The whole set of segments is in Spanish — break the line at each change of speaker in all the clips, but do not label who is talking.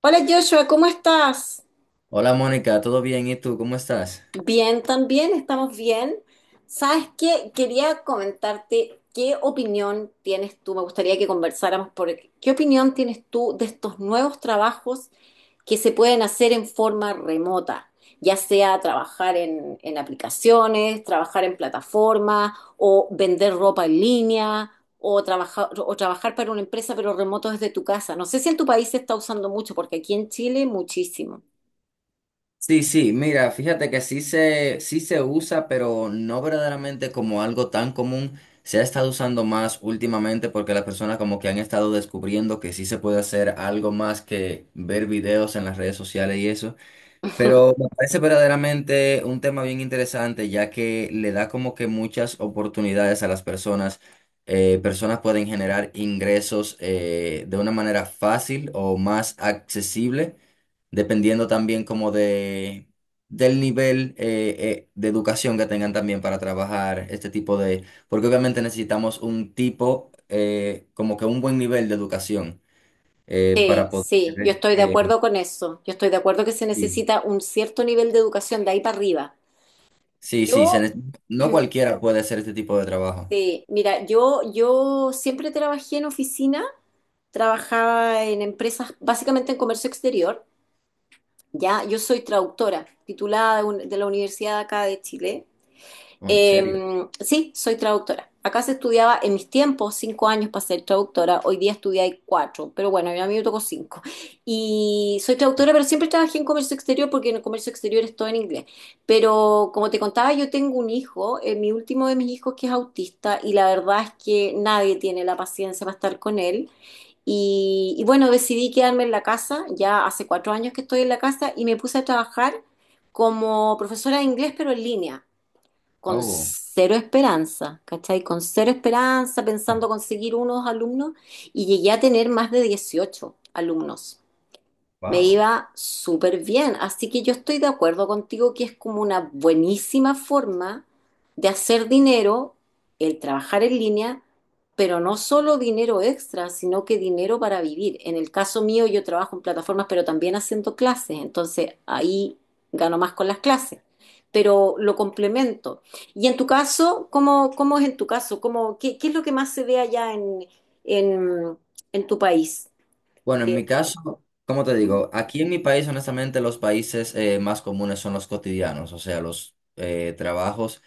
Hola Joshua, ¿cómo estás?
Hola Mónica, ¿todo bien? ¿Y tú? ¿Cómo estás?
Bien, también, estamos bien. ¿Sabes qué? Quería comentarte qué opinión tienes tú. Me gustaría que conversáramos por qué opinión tienes tú de estos nuevos trabajos que se pueden hacer en forma remota, ya sea trabajar en aplicaciones, trabajar en plataformas o vender ropa en línea. O trabajar para una empresa, pero remoto desde tu casa. No sé si en tu país se está usando mucho, porque aquí en Chile muchísimo.
Sí, sí, mira, fíjate que sí se usa, pero no verdaderamente como algo tan común. Se ha estado usando más últimamente porque las personas como que han estado descubriendo que sí se puede hacer algo más que ver videos en las redes sociales y eso. Pero me parece verdaderamente un tema bien interesante, ya que le da como que muchas oportunidades a las personas. Personas pueden generar ingresos de una manera fácil o más accesible, dependiendo también como del nivel de educación que tengan también para trabajar este tipo de... Porque obviamente necesitamos un tipo, como que un buen nivel de educación
Sí,
para
sí, yo
poder...
estoy de acuerdo con eso. Yo estoy de acuerdo que se
sí.
necesita un cierto nivel de educación de ahí para arriba.
Sí, sí,
Yo,
no cualquiera puede hacer este tipo de trabajo.
sí, mira, yo siempre trabajé en oficina, trabajaba en empresas, básicamente en comercio exterior. Ya, yo soy traductora, titulada de, de la universidad acá de Chile.
Oh, ¿en
Eh,
serio?
sí, soy traductora. Acá se estudiaba en mis tiempos 5 años para ser traductora, hoy día estudié 4, pero bueno, a mí me tocó 5. Y soy traductora, pero siempre trabajé en comercio exterior porque en el comercio exterior es todo en inglés. Pero como te contaba, yo tengo un hijo, mi último de mis hijos que es autista y la verdad es que nadie tiene la paciencia para estar con él. Y bueno, decidí quedarme en la casa, ya hace 4 años que estoy en la casa y me puse a trabajar como profesora de inglés, pero en línea con
Oh,
cero esperanza, ¿cachai? Con cero esperanza, pensando conseguir unos alumnos, y llegué a tener más de 18 alumnos. Me
wow.
iba súper bien, así que yo estoy de acuerdo contigo que es como una buenísima forma de hacer dinero el trabajar en línea, pero no solo dinero extra, sino que dinero para vivir. En el caso mío yo trabajo en plataformas, pero también haciendo clases, entonces ahí gano más con las clases, pero lo complemento. Y en tu caso, ¿cómo es en tu caso? Qué es lo que más se ve allá en, en tu país?
Bueno, en
Eh,
mi caso, como te digo, aquí en mi país, honestamente, los países más comunes son los cotidianos, o sea, los trabajos.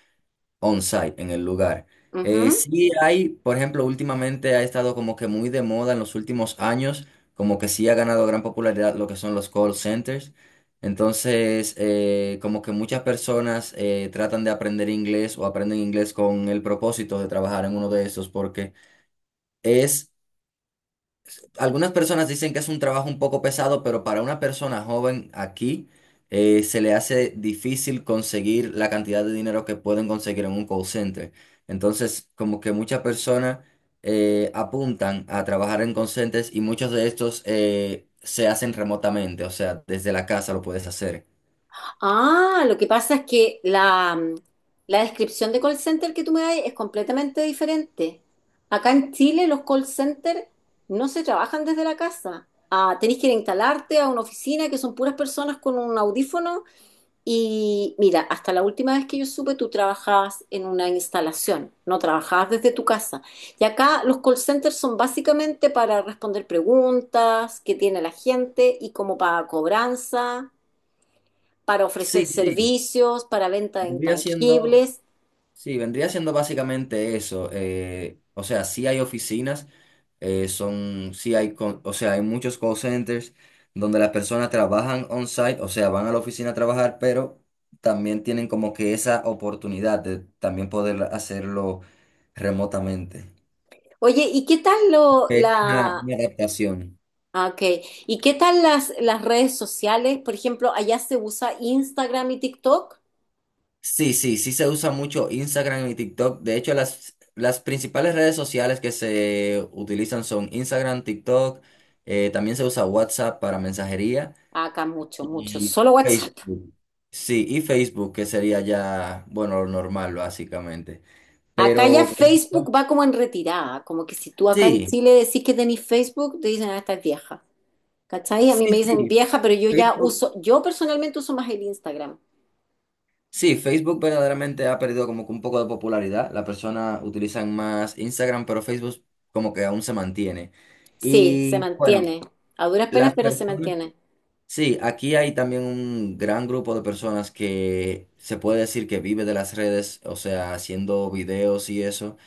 On-site en el lugar.
ujú.
Sí hay, por ejemplo, últimamente ha estado como que muy de moda en los últimos años, como que sí ha ganado gran popularidad lo que son los call centers. Entonces, como que muchas personas tratan de aprender inglés o aprenden inglés con el propósito de trabajar en uno de esos porque es algunas personas dicen que es un trabajo un poco pesado, pero para una persona joven aquí se le hace difícil conseguir la cantidad de dinero que pueden conseguir en un call center. Entonces, como que muchas personas apuntan a trabajar en call centers y muchos de estos se hacen remotamente, o sea, desde la casa lo puedes hacer.
Ah, lo que pasa es que la descripción de call center que tú me das es completamente diferente. Acá en Chile los call center no se trabajan desde la casa. Ah, tenés que ir a instalarte a una oficina que son puras personas con un audífono y mira, hasta la última vez que yo supe tú trabajabas en una instalación, no trabajabas desde tu casa. Y acá los call centers son básicamente para responder preguntas que tiene la gente y como para cobranza para ofrecer
Sí, sí.
servicios, para venta de
Vendría siendo.
intangibles.
Sí, vendría siendo básicamente eso. O sea, sí hay oficinas, son, sí hay, o sea, hay muchos call centers donde las personas trabajan on-site, o sea, van a la oficina a trabajar, pero también tienen como que esa oportunidad de también poder hacerlo remotamente.
Oye, ¿y qué tal lo,
Es una,
la,
una adaptación.
ah, ok. ¿Y qué tal las redes sociales? Por ejemplo, allá se usa Instagram y TikTok.
Sí, sí, sí se usa mucho Instagram y TikTok. De hecho, las principales redes sociales que se utilizan son Instagram, TikTok, también se usa WhatsApp para mensajería
Acá mucho, mucho,
y
solo WhatsApp.
Facebook. Sí, y Facebook, que sería ya, bueno, lo normal básicamente.
Acá ya
Pero por
Facebook
ejemplo,
va como en retirada, como que si tú acá en
sí,
Chile decís que tenés Facebook, te dicen, ah, estás vieja. ¿Cachai? A mí me
sí,
dicen
sí,
vieja, pero yo ya
Facebook.
uso, yo personalmente uso más el Instagram.
Sí, Facebook verdaderamente ha perdido como que un poco de popularidad. Las personas utilizan más Instagram, pero Facebook como que aún se mantiene.
Sí, se
Y bueno.
mantiene. A duras penas,
Las
pero se
personas,
mantiene.
sí, aquí hay también un gran grupo de personas que se puede decir que vive de las redes, o sea, haciendo videos y eso.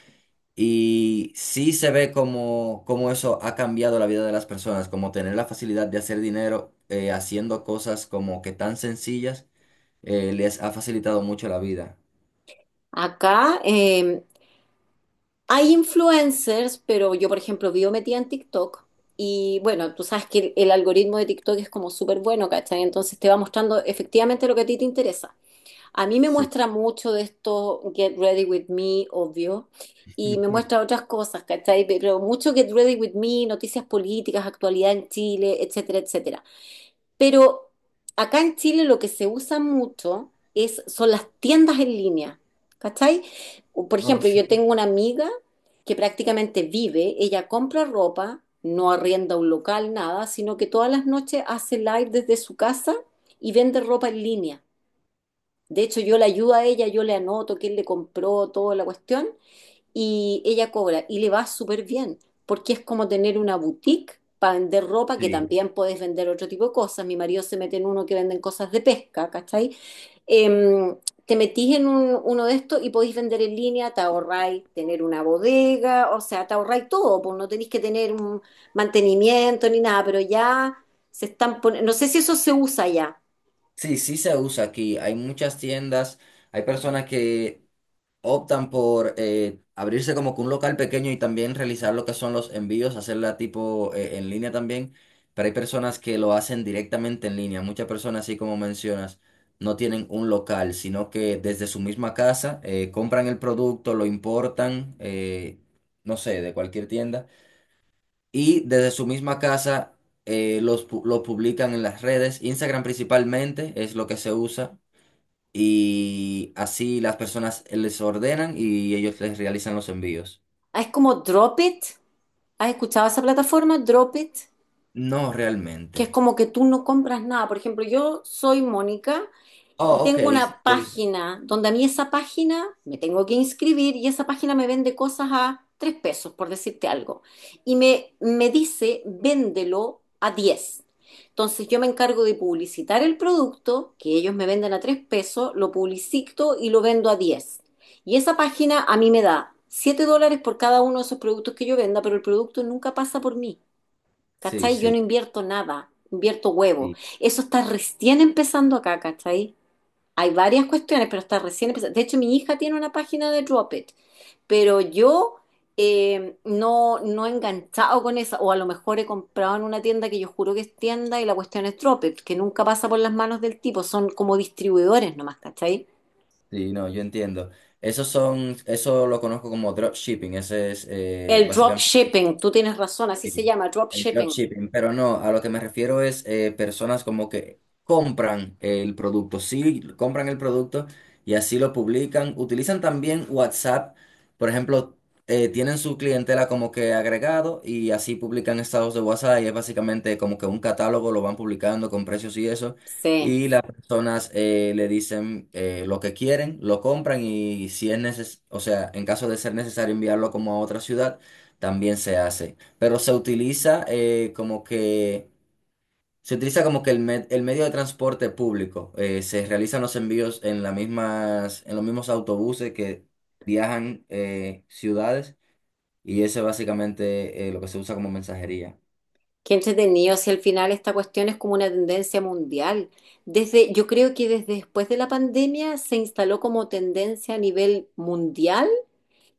Y sí se ve como, como eso ha cambiado la vida de las personas, como tener la facilidad de hacer dinero haciendo cosas como que tan sencillas les ha facilitado mucho la vida.
Acá, hay influencers, pero yo, por ejemplo, vivo metida en TikTok y bueno, tú sabes que el algoritmo de TikTok es como súper bueno, ¿cachai? Entonces te va mostrando efectivamente lo que a ti te interesa. A mí me
Sí.
muestra mucho de esto Get Ready With Me, obvio, y me muestra otras cosas, ¿cachai? Pero mucho Get Ready With Me, noticias políticas, actualidad en Chile, etcétera, etcétera. Pero acá en Chile lo que se usa mucho es, son las tiendas en línea, ¿cachai? Por
No,
ejemplo,
sí,
yo tengo una amiga que prácticamente vive, ella compra ropa, no arrienda un local, nada, sino que todas las noches hace live desde su casa y vende ropa en línea. De hecho, yo le ayudo a ella, yo le anoto quién le compró, toda la cuestión, y ella cobra y le va súper bien, porque es como tener una boutique para vender ropa, que
sí.
también puedes vender otro tipo de cosas. Mi marido se mete en uno que venden cosas de pesca, ¿cachai? Em, te metís en uno de estos y podéis vender en línea, te ahorráis tener una bodega, o sea, te ahorráis todo, pues no tenéis que tener un mantenimiento ni nada, pero ya se están poniendo, no sé si eso se usa ya.
Sí, sí se usa aquí. Hay muchas tiendas, hay personas que optan por abrirse como que un local pequeño y también realizar lo que son los envíos, hacerla tipo en línea también, pero hay personas que lo hacen directamente en línea. Muchas personas, así como mencionas, no tienen un local, sino que desde su misma casa compran el producto, lo importan, no sé, de cualquier tienda, y desde su misma casa... los, lo publican en las redes, Instagram principalmente es lo que se usa y así las personas les ordenan y ellos les realizan los envíos.
Ah, es como Drop It. ¿Has escuchado esa plataforma? Drop It.
No
Que es
realmente.
como que tú no compras nada. Por ejemplo, yo soy Mónica y
Oh, ok.
tengo una
Sí,
página donde a mí esa página me tengo que inscribir y esa página me vende cosas a 3 pesos, por decirte algo. Y me dice, véndelo a 10. Entonces yo me encargo de publicitar el producto, que ellos me venden a 3 pesos, lo publicito y lo vendo a 10. Y esa página a mí me da $7 por cada uno de esos productos que yo venda, pero el producto nunca pasa por mí.
sí,
¿Cachai? Yo no
sí,
invierto nada, invierto huevo.
sí,
Eso está recién empezando acá, ¿cachai? Hay varias cuestiones, pero está recién empezando. De hecho, mi hija tiene una página de Drop It, pero yo no, no he enganchado con esa, o a lo mejor he comprado en una tienda que yo juro que es tienda y la cuestión es Drop It, que nunca pasa por las manos del tipo, son como distribuidores nomás, ¿cachai?
sí, no, yo entiendo. Esos son, eso lo conozco como dropshipping, ese es
El drop
básicamente.
shipping, tú tienes razón, así
Sí,
se llama, drop
el
shipping.
dropshipping, pero no, a lo que me refiero es personas como que compran el producto, sí, compran el producto y así lo publican. Utilizan también WhatsApp, por ejemplo, tienen su clientela como que agregado y así publican estados de WhatsApp y es básicamente como que un catálogo, lo van publicando con precios y eso.
Sí.
Y las personas le dicen lo que quieren, lo compran y si es necesario, o sea, en caso de ser necesario enviarlo como a otra ciudad, también se hace, pero se utiliza como que se utiliza como que el medio de transporte público. Se realizan los envíos en las mismas, en los mismos autobuses que viajan ciudades y ese es básicamente lo que se usa como mensajería.
Qué entretenido, si al final esta cuestión es como una tendencia mundial. Desde, yo creo que desde después de la pandemia se instaló como tendencia a nivel mundial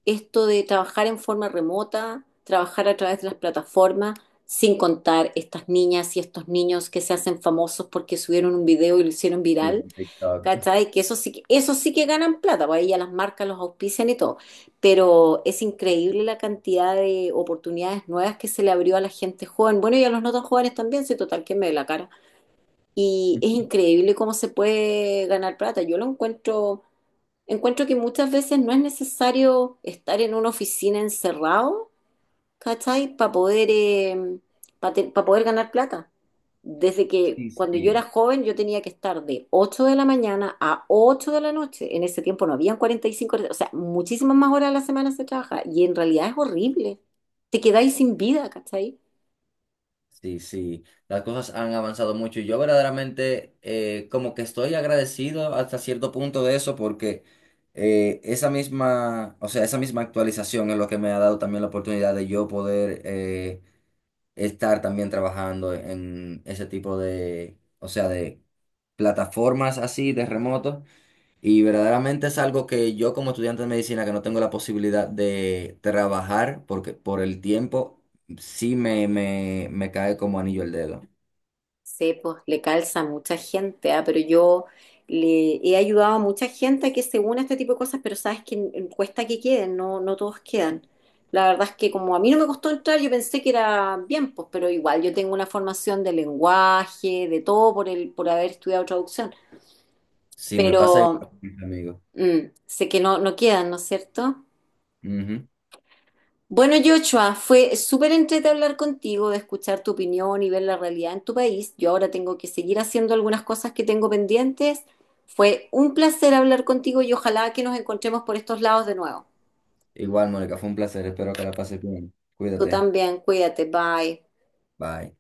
esto de trabajar en forma remota, trabajar a través de las plataformas, sin contar estas niñas y estos niños que se hacen famosos porque subieron un video y lo hicieron
Sí,
viral.
en TikTok.
¿Cachai? Que eso sí, que- eso sí que ganan plata, pues ahí ya las marcas los auspician y todo. Pero es increíble la cantidad de oportunidades nuevas que se le abrió a la gente joven. Bueno, y a los no tan jóvenes también, si total que me ve la cara. Y es increíble cómo se puede ganar plata. Yo lo encuentro, encuentro que muchas veces no es necesario estar en una oficina encerrado, ¿cachai? Para poder ganar plata. Desde que
Sí,
cuando yo era
sí.
joven yo tenía que estar de 8 de la mañana a 8 de la noche. En ese tiempo no habían 45 horas, o sea, muchísimas más horas a la semana se trabaja y en realidad es horrible. Te quedáis sin vida, ¿cachai?
Sí, sí, las cosas han avanzado mucho y yo verdaderamente como que estoy agradecido hasta cierto punto de eso porque esa misma, o sea, esa misma actualización es lo que me ha dado también la oportunidad de yo poder estar también trabajando en ese tipo de, o sea, de plataformas así de remoto. Y verdaderamente es algo que yo como estudiante de medicina que no tengo la posibilidad de trabajar porque por el tiempo sí me cae como anillo el dedo.
Sí, pues le calza a mucha gente, ah. Pero yo le he ayudado a mucha gente a que se una a este tipo de cosas, pero sabes que cuesta que queden, no, no todos quedan. La verdad es que como a mí no me costó entrar, yo pensé que era bien, pues, pero igual yo tengo una formación de lenguaje, de todo por el, por haber estudiado traducción,
Sí, me pasa igual,
pero
mis.
mm, sé que no, no quedan, ¿no es cierto?
Ujú.
Bueno, Joshua, fue súper entrete hablar contigo, de escuchar tu opinión y ver la realidad en tu país. Yo ahora tengo que seguir haciendo algunas cosas que tengo pendientes. Fue un placer hablar contigo y ojalá que nos encontremos por estos lados de nuevo.
Igual, Mónica, fue un placer. Espero que la pases bien.
Tú
Cuídate.
también, cuídate, bye.
Bye.